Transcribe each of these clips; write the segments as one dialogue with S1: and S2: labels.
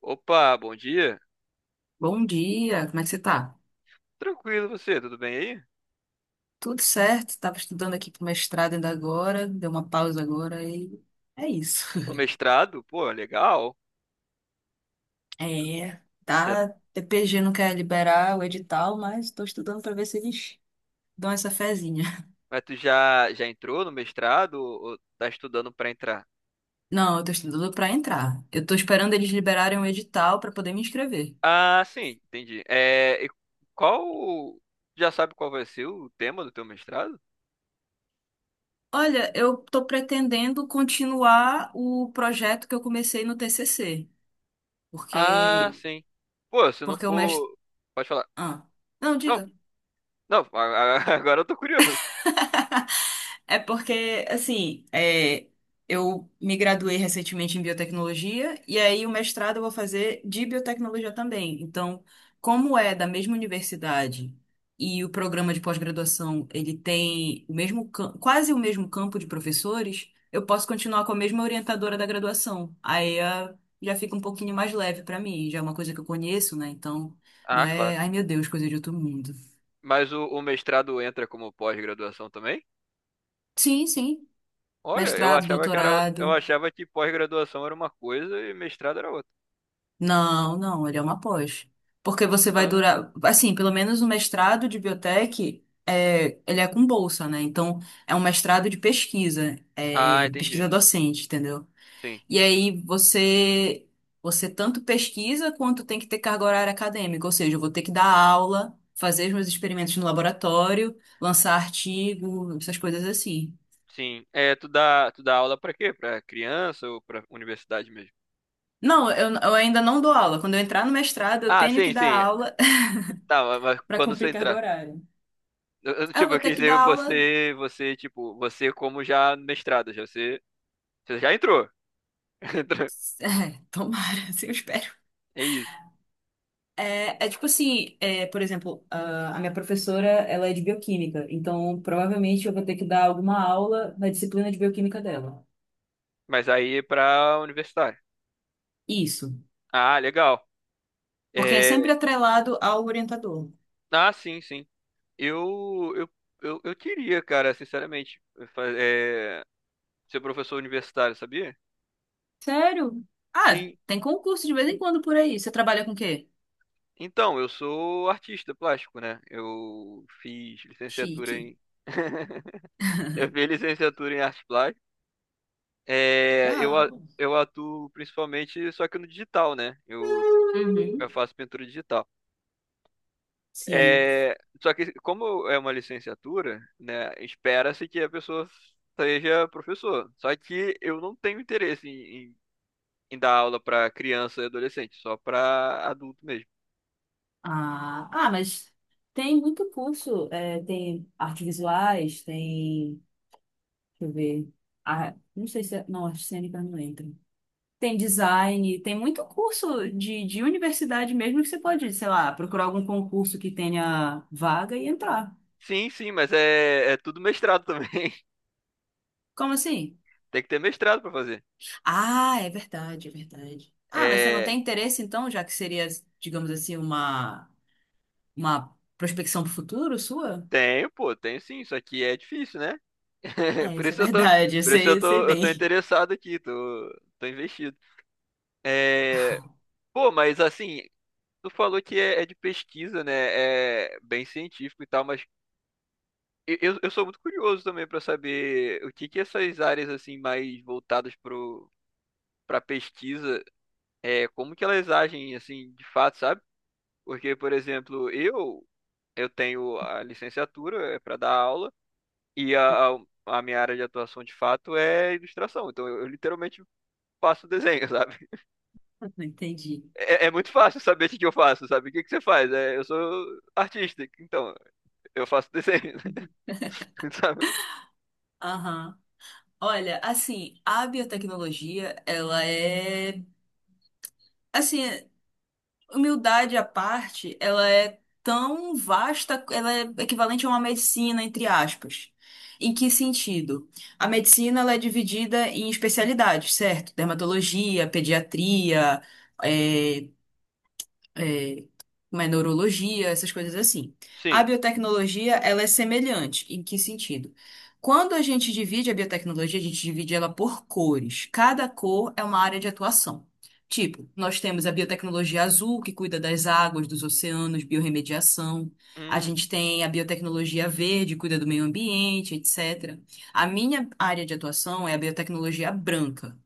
S1: Opa, bom dia.
S2: Bom dia, como é que você tá?
S1: Tranquilo você, tudo bem aí?
S2: Tudo certo, estava estudando aqui pro mestrado ainda agora, deu uma pausa agora e é isso.
S1: O mestrado, pô, legal.
S2: É,
S1: Já,
S2: tá, TPG não quer liberar o edital, mas estou estudando para ver se eles dão essa fezinha.
S1: mas tu já entrou no mestrado ou tá estudando pra entrar?
S2: Não, eu tô estudando para entrar. Eu tô esperando eles liberarem o edital para poder me inscrever.
S1: Ah, sim, entendi. É, qual, já sabe qual vai ser o tema do teu mestrado?
S2: Olha, eu tô pretendendo continuar o projeto que eu comecei no TCC,
S1: Ah,
S2: porque
S1: sim. Pô, se não
S2: porque
S1: for, pode falar.
S2: Ah, não,
S1: Não,
S2: diga.
S1: não, agora eu tô curioso.
S2: É porque, assim, eu me graduei recentemente em biotecnologia, e aí o mestrado eu vou fazer de biotecnologia também. Então, como é da mesma universidade e o programa de pós-graduação ele tem o mesmo, quase o mesmo campo de professores, eu posso continuar com a mesma orientadora da graduação. Aí já fica um pouquinho mais leve para mim, já é uma coisa que eu conheço, né? Então, não
S1: Ah, claro.
S2: é, ai meu Deus, coisa de outro mundo.
S1: Mas o mestrado entra como pós-graduação também?
S2: Sim, sim.
S1: Olha,
S2: Mestrado,
S1: eu
S2: doutorado.
S1: achava que pós-graduação era uma coisa e mestrado era outra.
S2: Não, não, ele é uma pós. Porque você vai
S1: Ah,
S2: durar, assim, pelo menos o mestrado de biotech, ele é com bolsa, né? Então, é um mestrado de pesquisa,
S1: ah, entendi.
S2: pesquisa docente, entendeu?
S1: Sim,
S2: E aí você tanto pesquisa quanto tem que ter carga horária acadêmica, ou seja, eu vou ter que dar aula, fazer os meus experimentos no laboratório, lançar artigo, essas coisas assim.
S1: sim. É, tu dá aula pra quê? Pra criança ou pra universidade mesmo?
S2: Não, eu ainda não dou aula. Quando eu entrar no mestrado, eu
S1: Ah,
S2: tenho que
S1: sim,
S2: dar
S1: sim.
S2: aula
S1: Tá, mas
S2: para
S1: quando você
S2: cumprir carga
S1: entrar.
S2: horária.
S1: Eu,
S2: Ah, eu
S1: tipo,
S2: vou
S1: eu
S2: ter
S1: quis
S2: que dar
S1: dizer
S2: aula.
S1: você, tipo, você como já mestrado, já você, você já entrou. Entrou.
S2: É, tomara, assim eu espero.
S1: É isso.
S2: É tipo assim, por exemplo, a minha professora, ela é de bioquímica, então provavelmente eu vou ter que dar alguma aula na disciplina de bioquímica dela.
S1: Mas aí é pra universitário.
S2: Isso,
S1: Ah, legal.
S2: porque é
S1: É,
S2: sempre atrelado ao orientador.
S1: ah, sim, sim. Eu, eu, eu queria, cara, sinceramente, fa- é, ser professor universitário, sabia?
S2: Sério? Ah,
S1: Sim.
S2: tem concurso de vez em quando por aí. Você trabalha com o quê?
S1: Então, eu sou artista plástico, né? Eu fiz licenciatura
S2: Chique.
S1: em. Eu fiz licenciatura em arte plástica. É, eu, a-
S2: Legal.
S1: eu atuo principalmente só que no digital, né?
S2: Uhum.
S1: Eu faço pintura digital.
S2: Sim.
S1: É, só que como é uma licenciatura, né? Espera-se que a pessoa seja professor. Só que eu não tenho interesse em dar aula para criança e adolescente, só para adulto mesmo.
S2: Ah, mas tem muito curso. Tem artes visuais, tem. Deixa eu ver. Ah, não sei se é. Não, acho que cênica não entra. Tem design, tem muito curso de universidade mesmo que você pode, sei lá, procurar algum concurso que tenha vaga e entrar.
S1: Sim, sim, mas é, é tudo mestrado também.
S2: Como assim?
S1: Tem que ter mestrado para fazer.
S2: Ah, é verdade, é verdade. Ah, mas você não
S1: É,
S2: tem interesse então, já que seria, digamos assim, uma prospecção para o futuro sua?
S1: tenho, pô, tenho sim, isso aqui é difícil, né?
S2: É,
S1: Por
S2: isso é
S1: isso eu tô,
S2: verdade,
S1: por isso eu
S2: eu sei
S1: tô
S2: bem.
S1: interessado aqui, tô, tô investido. É, pô, mas assim, tu falou que é, é de pesquisa, né? É bem científico e tal, mas eu sou muito curioso também pra saber o que que essas áreas assim mais voltadas pro para pesquisa, é, como que elas agem assim, de fato, sabe? Porque, por exemplo, eu tenho a licenciatura, é para dar aula. E a minha área de atuação de fato é ilustração. Então eu literalmente faço desenho, sabe?
S2: Entendi.
S1: É, é muito fácil saber o que que eu faço, sabe? O que que você faz? É, eu sou artista, então eu faço desenho, sabe?
S2: Aham. Olha, assim, a biotecnologia, ela é. Assim, humildade à parte, ela é tão vasta, ela é equivalente a uma medicina, entre aspas. Em que sentido? A medicina ela é dividida em especialidades, certo? Dermatologia, pediatria, é, é, mas neurologia, essas coisas assim. A
S1: Sim.
S2: biotecnologia, ela é semelhante. Em que sentido? Quando a gente divide a biotecnologia, a gente divide ela por cores. Cada cor é uma área de atuação. Tipo, nós temos a biotecnologia azul, que cuida das águas, dos oceanos, biorremediação. A
S1: Hum,
S2: gente tem a biotecnologia verde, cuida do meio ambiente, etc. A minha área de atuação é a biotecnologia branca.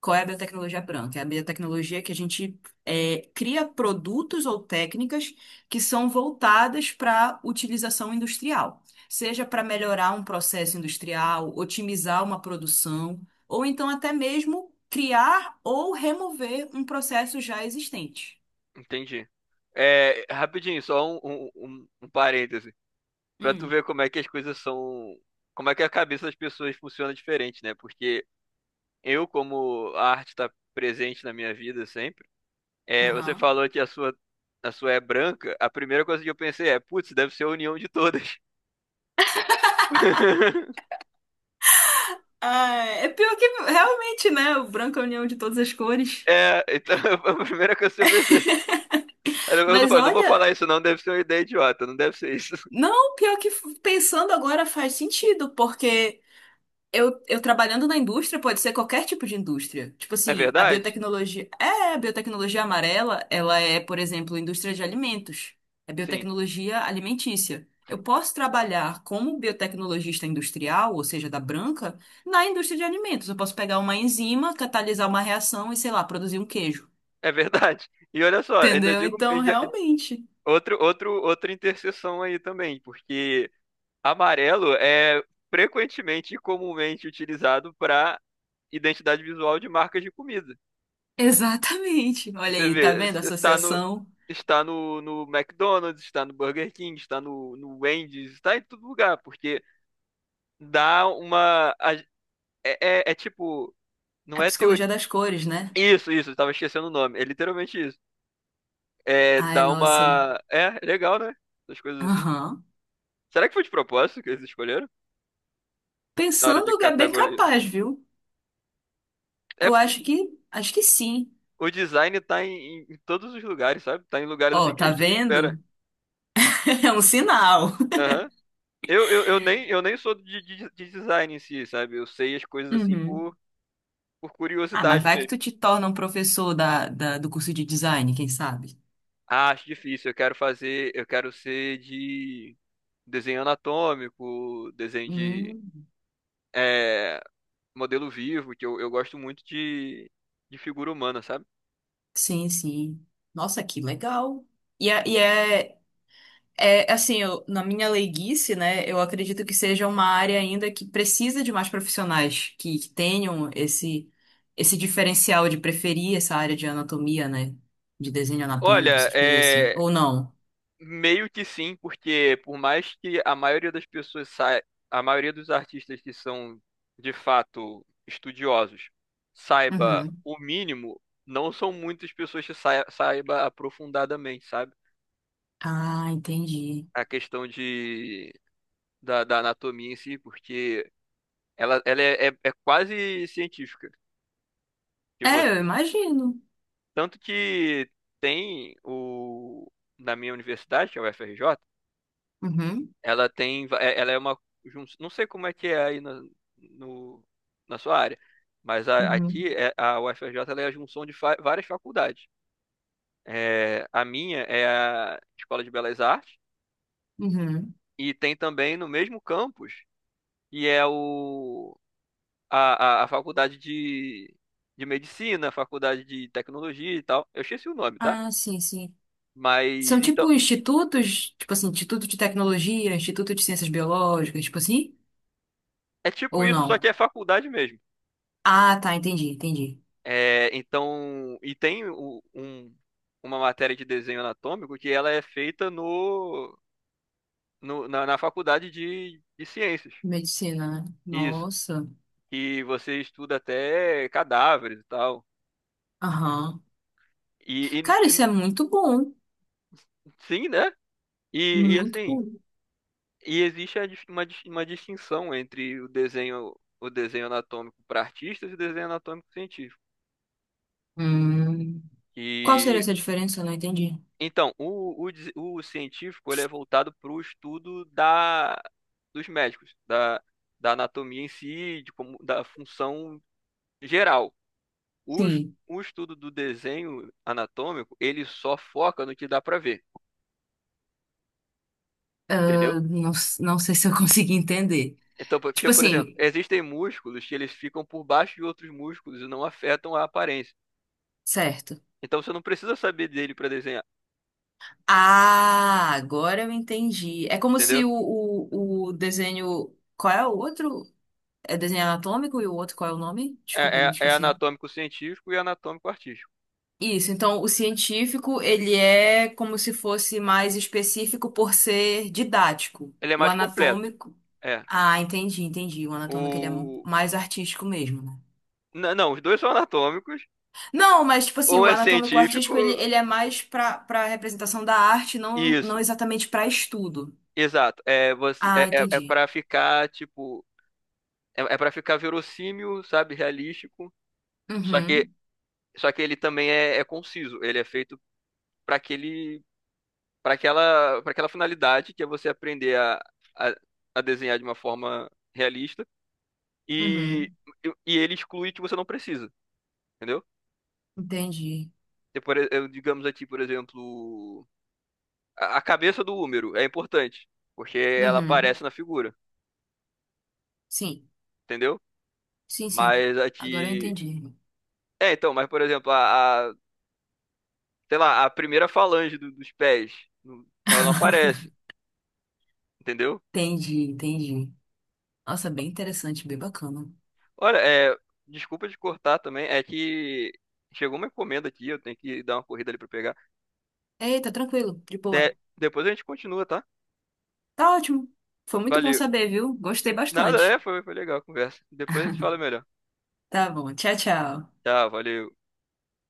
S2: Qual é a biotecnologia branca? É a biotecnologia que a gente cria produtos ou técnicas que são voltadas para utilização industrial, seja para melhorar um processo industrial, otimizar uma produção, ou então até mesmo criar ou remover um processo já existente.
S1: entendi. É, rapidinho, só um parêntese. Pra tu
S2: Hum,
S1: ver como é que as coisas são. Como é que a cabeça das pessoas funciona diferente, né? Porque eu, como a arte tá presente na minha vida sempre. É, você
S2: aham.
S1: falou que a sua é branca. A primeira coisa que eu pensei é, putz, deve ser a união de todas.
S2: Ah, é pior que realmente, né? O branco é a união de todas as cores.
S1: É, então a primeira coisa que eu pensei. Eu não,
S2: Mas
S1: fa- não vou
S2: olha,
S1: falar isso, não, deve ser uma ideia idiota, não deve ser isso.
S2: não, pior que pensando agora faz sentido, porque. Eu trabalhando na indústria, pode ser qualquer tipo de indústria. Tipo
S1: É
S2: assim, a
S1: verdade?
S2: biotecnologia. É, a biotecnologia amarela, ela é, por exemplo, indústria de alimentos. É
S1: Sim,
S2: biotecnologia alimentícia. Eu posso trabalhar como biotecnologista industrial, ou seja, da branca, na indústria de alimentos. Eu posso pegar uma enzima, catalisar uma reação e, sei lá, produzir um queijo.
S1: é verdade. E olha só,
S2: Entendeu? Então, realmente.
S1: outra interseção aí também, porque amarelo é frequentemente e comumente utilizado para identidade visual de marcas de comida.
S2: Exatamente. Olha
S1: Você
S2: aí, tá
S1: vê,
S2: vendo a
S1: no,
S2: associação?
S1: está no McDonald's, está no Burger King, está no Wendy's, está em todo lugar, porque dá uma. a- é tipo,
S2: É
S1: não
S2: a
S1: é teoria.
S2: psicologia das cores, né?
S1: Isso, eu tava esquecendo o nome. É literalmente isso. É,
S2: Ai,
S1: dá
S2: nossa.
S1: uma. É, legal, né? Essas coisas assim.
S2: Aham.
S1: Será que foi de propósito que eles escolheram? Na hora de
S2: Pensando, é bem
S1: categorizar.
S2: capaz, viu?
S1: É
S2: Eu
S1: porque
S2: acho que sim.
S1: o design tá em todos os lugares, sabe? Tá em lugares assim
S2: Ó,
S1: que a
S2: tá
S1: gente não espera.
S2: vendo? É um sinal.
S1: Aham. Eu nem sou de design em si, sabe? Eu sei as coisas assim
S2: Uhum.
S1: por
S2: Ah, mas
S1: curiosidade
S2: vai que
S1: mesmo.
S2: tu te torna um professor da, do curso de design, quem sabe?
S1: Ah, acho difícil. Eu quero fazer. Eu quero ser de desenho anatômico,
S2: Hum,
S1: é, modelo vivo, que eu gosto muito de figura humana, sabe?
S2: sim, sim. Nossa, que legal. E assim, na minha leiguice, né, eu acredito que seja uma área ainda que precisa de mais profissionais que tenham esse, esse diferencial de preferir essa área de anatomia, né, de desenho anatômico,
S1: Olha,
S2: essas coisas assim.
S1: é,
S2: Ou não?
S1: Meio que sim, porque por mais que a maioria das pessoas saia, a maioria dos artistas que são de fato estudiosos saiba
S2: Uhum.
S1: o mínimo, não são muitas pessoas que saiba aprofundadamente, sabe?
S2: Ah, entendi.
S1: A questão de da anatomia em si, porque ela é quase científica. Que
S2: É, eu
S1: você,
S2: imagino.
S1: tanto que tem o na minha universidade, que é o U F R J
S2: Uhum,
S1: Ela é uma, não sei como é que é aí na, no, na sua área, mas
S2: uhum,
S1: aqui é, a UFRJ ela é a junção de várias faculdades. É, a minha é a Escola de Belas Artes
S2: uhum.
S1: e tem também no mesmo campus que é a faculdade de medicina, a faculdade de tecnologia e tal. Eu esqueci o nome, tá?
S2: Ah, sim, sim. São
S1: Mas então
S2: tipo institutos, tipo assim, instituto de tecnologia, instituto de ciências biológicas, tipo assim?
S1: é tipo
S2: Ou
S1: isso,
S2: não?
S1: só que é faculdade mesmo.
S2: Ah, tá, entendi, entendi.
S1: É, então, e tem uma matéria de desenho anatômico que ela é feita na faculdade de ciências.
S2: Medicina, né?
S1: Isso.
S2: Nossa.
S1: E você estuda até cadáveres e tal.
S2: Aham.
S1: E, e-
S2: Cara, isso
S1: e-
S2: é muito bom.
S1: sim, né? E,
S2: Muito
S1: assim,
S2: bom.
S1: e existe a uma distinção entre o desenho anatômico para artistas e o desenho anatômico científico.
S2: Hum. Qual seria essa diferença? Eu não entendi.
S1: Então, o científico ele é voltado para o estudo dos médicos, da anatomia em si, de como, da função geral. O, es-
S2: Sim.
S1: o estudo do desenho anatômico, ele só foca no que dá para ver, entendeu?
S2: Eu não sei se eu consegui entender.
S1: Então, porque,
S2: Tipo
S1: por exemplo,
S2: assim,
S1: Entendi. Existem músculos que eles ficam por baixo de outros músculos e não afetam a aparência.
S2: certo.
S1: Então, você não precisa saber dele para desenhar,
S2: Ah, agora eu entendi. É como se
S1: entendeu?
S2: o desenho. Qual é o outro? É desenho anatômico e o outro, qual é o nome? Desculpa, eu
S1: É,
S2: me
S1: é, é
S2: esqueci.
S1: anatômico científico e anatômico artístico.
S2: Isso, então o científico, ele é como se fosse mais específico por ser didático.
S1: Ele é
S2: O
S1: mais completo.
S2: anatômico.
S1: É.
S2: Ah, entendi, entendi. O anatômico ele é
S1: o
S2: mais artístico mesmo, né?
S1: Não, os dois são anatômicos.
S2: Não, mas tipo assim,
S1: Um
S2: o
S1: é
S2: anatômico
S1: científico.
S2: artístico ele é mais pra para representação da arte, não
S1: Isso,
S2: não exatamente pra estudo.
S1: exato.
S2: Ah,
S1: É
S2: entendi.
S1: para ficar, tipo. É, é para ficar verossímil, sabe? Realístico. Só que,
S2: Uhum,
S1: só que ele também é, é conciso. Ele é feito para aquele, para aquela finalidade, que é você aprender a, a desenhar de uma forma realista. E,
S2: uhum,
S1: e ele exclui que você não precisa, entendeu?
S2: entendi.
S1: E eu, digamos aqui, por exemplo, a cabeça do Húmero é importante, porque ela
S2: Uhum.
S1: aparece na figura.
S2: Sim,
S1: Entendeu?
S2: sim, sim.
S1: Mas
S2: Agora eu
S1: aqui.
S2: entendi.
S1: É, então, mas por exemplo, sei lá, a primeira falange dos pés, ela não aparece, entendeu?
S2: Entendi, entendi. Nossa, bem interessante, bem bacana.
S1: Olha, é, desculpa de cortar também, é que chegou uma encomenda aqui, eu tenho que dar uma corrida ali pra pegar.
S2: Eita, tranquilo, de boa.
S1: É, depois a gente continua, tá?
S2: Tá ótimo. Foi muito bom
S1: Valeu.
S2: saber, viu? Gostei
S1: Nada, é,
S2: bastante.
S1: foi, foi legal a conversa. Depois a gente fala melhor.
S2: Tá bom, tchau, tchau.
S1: Tchau, valeu.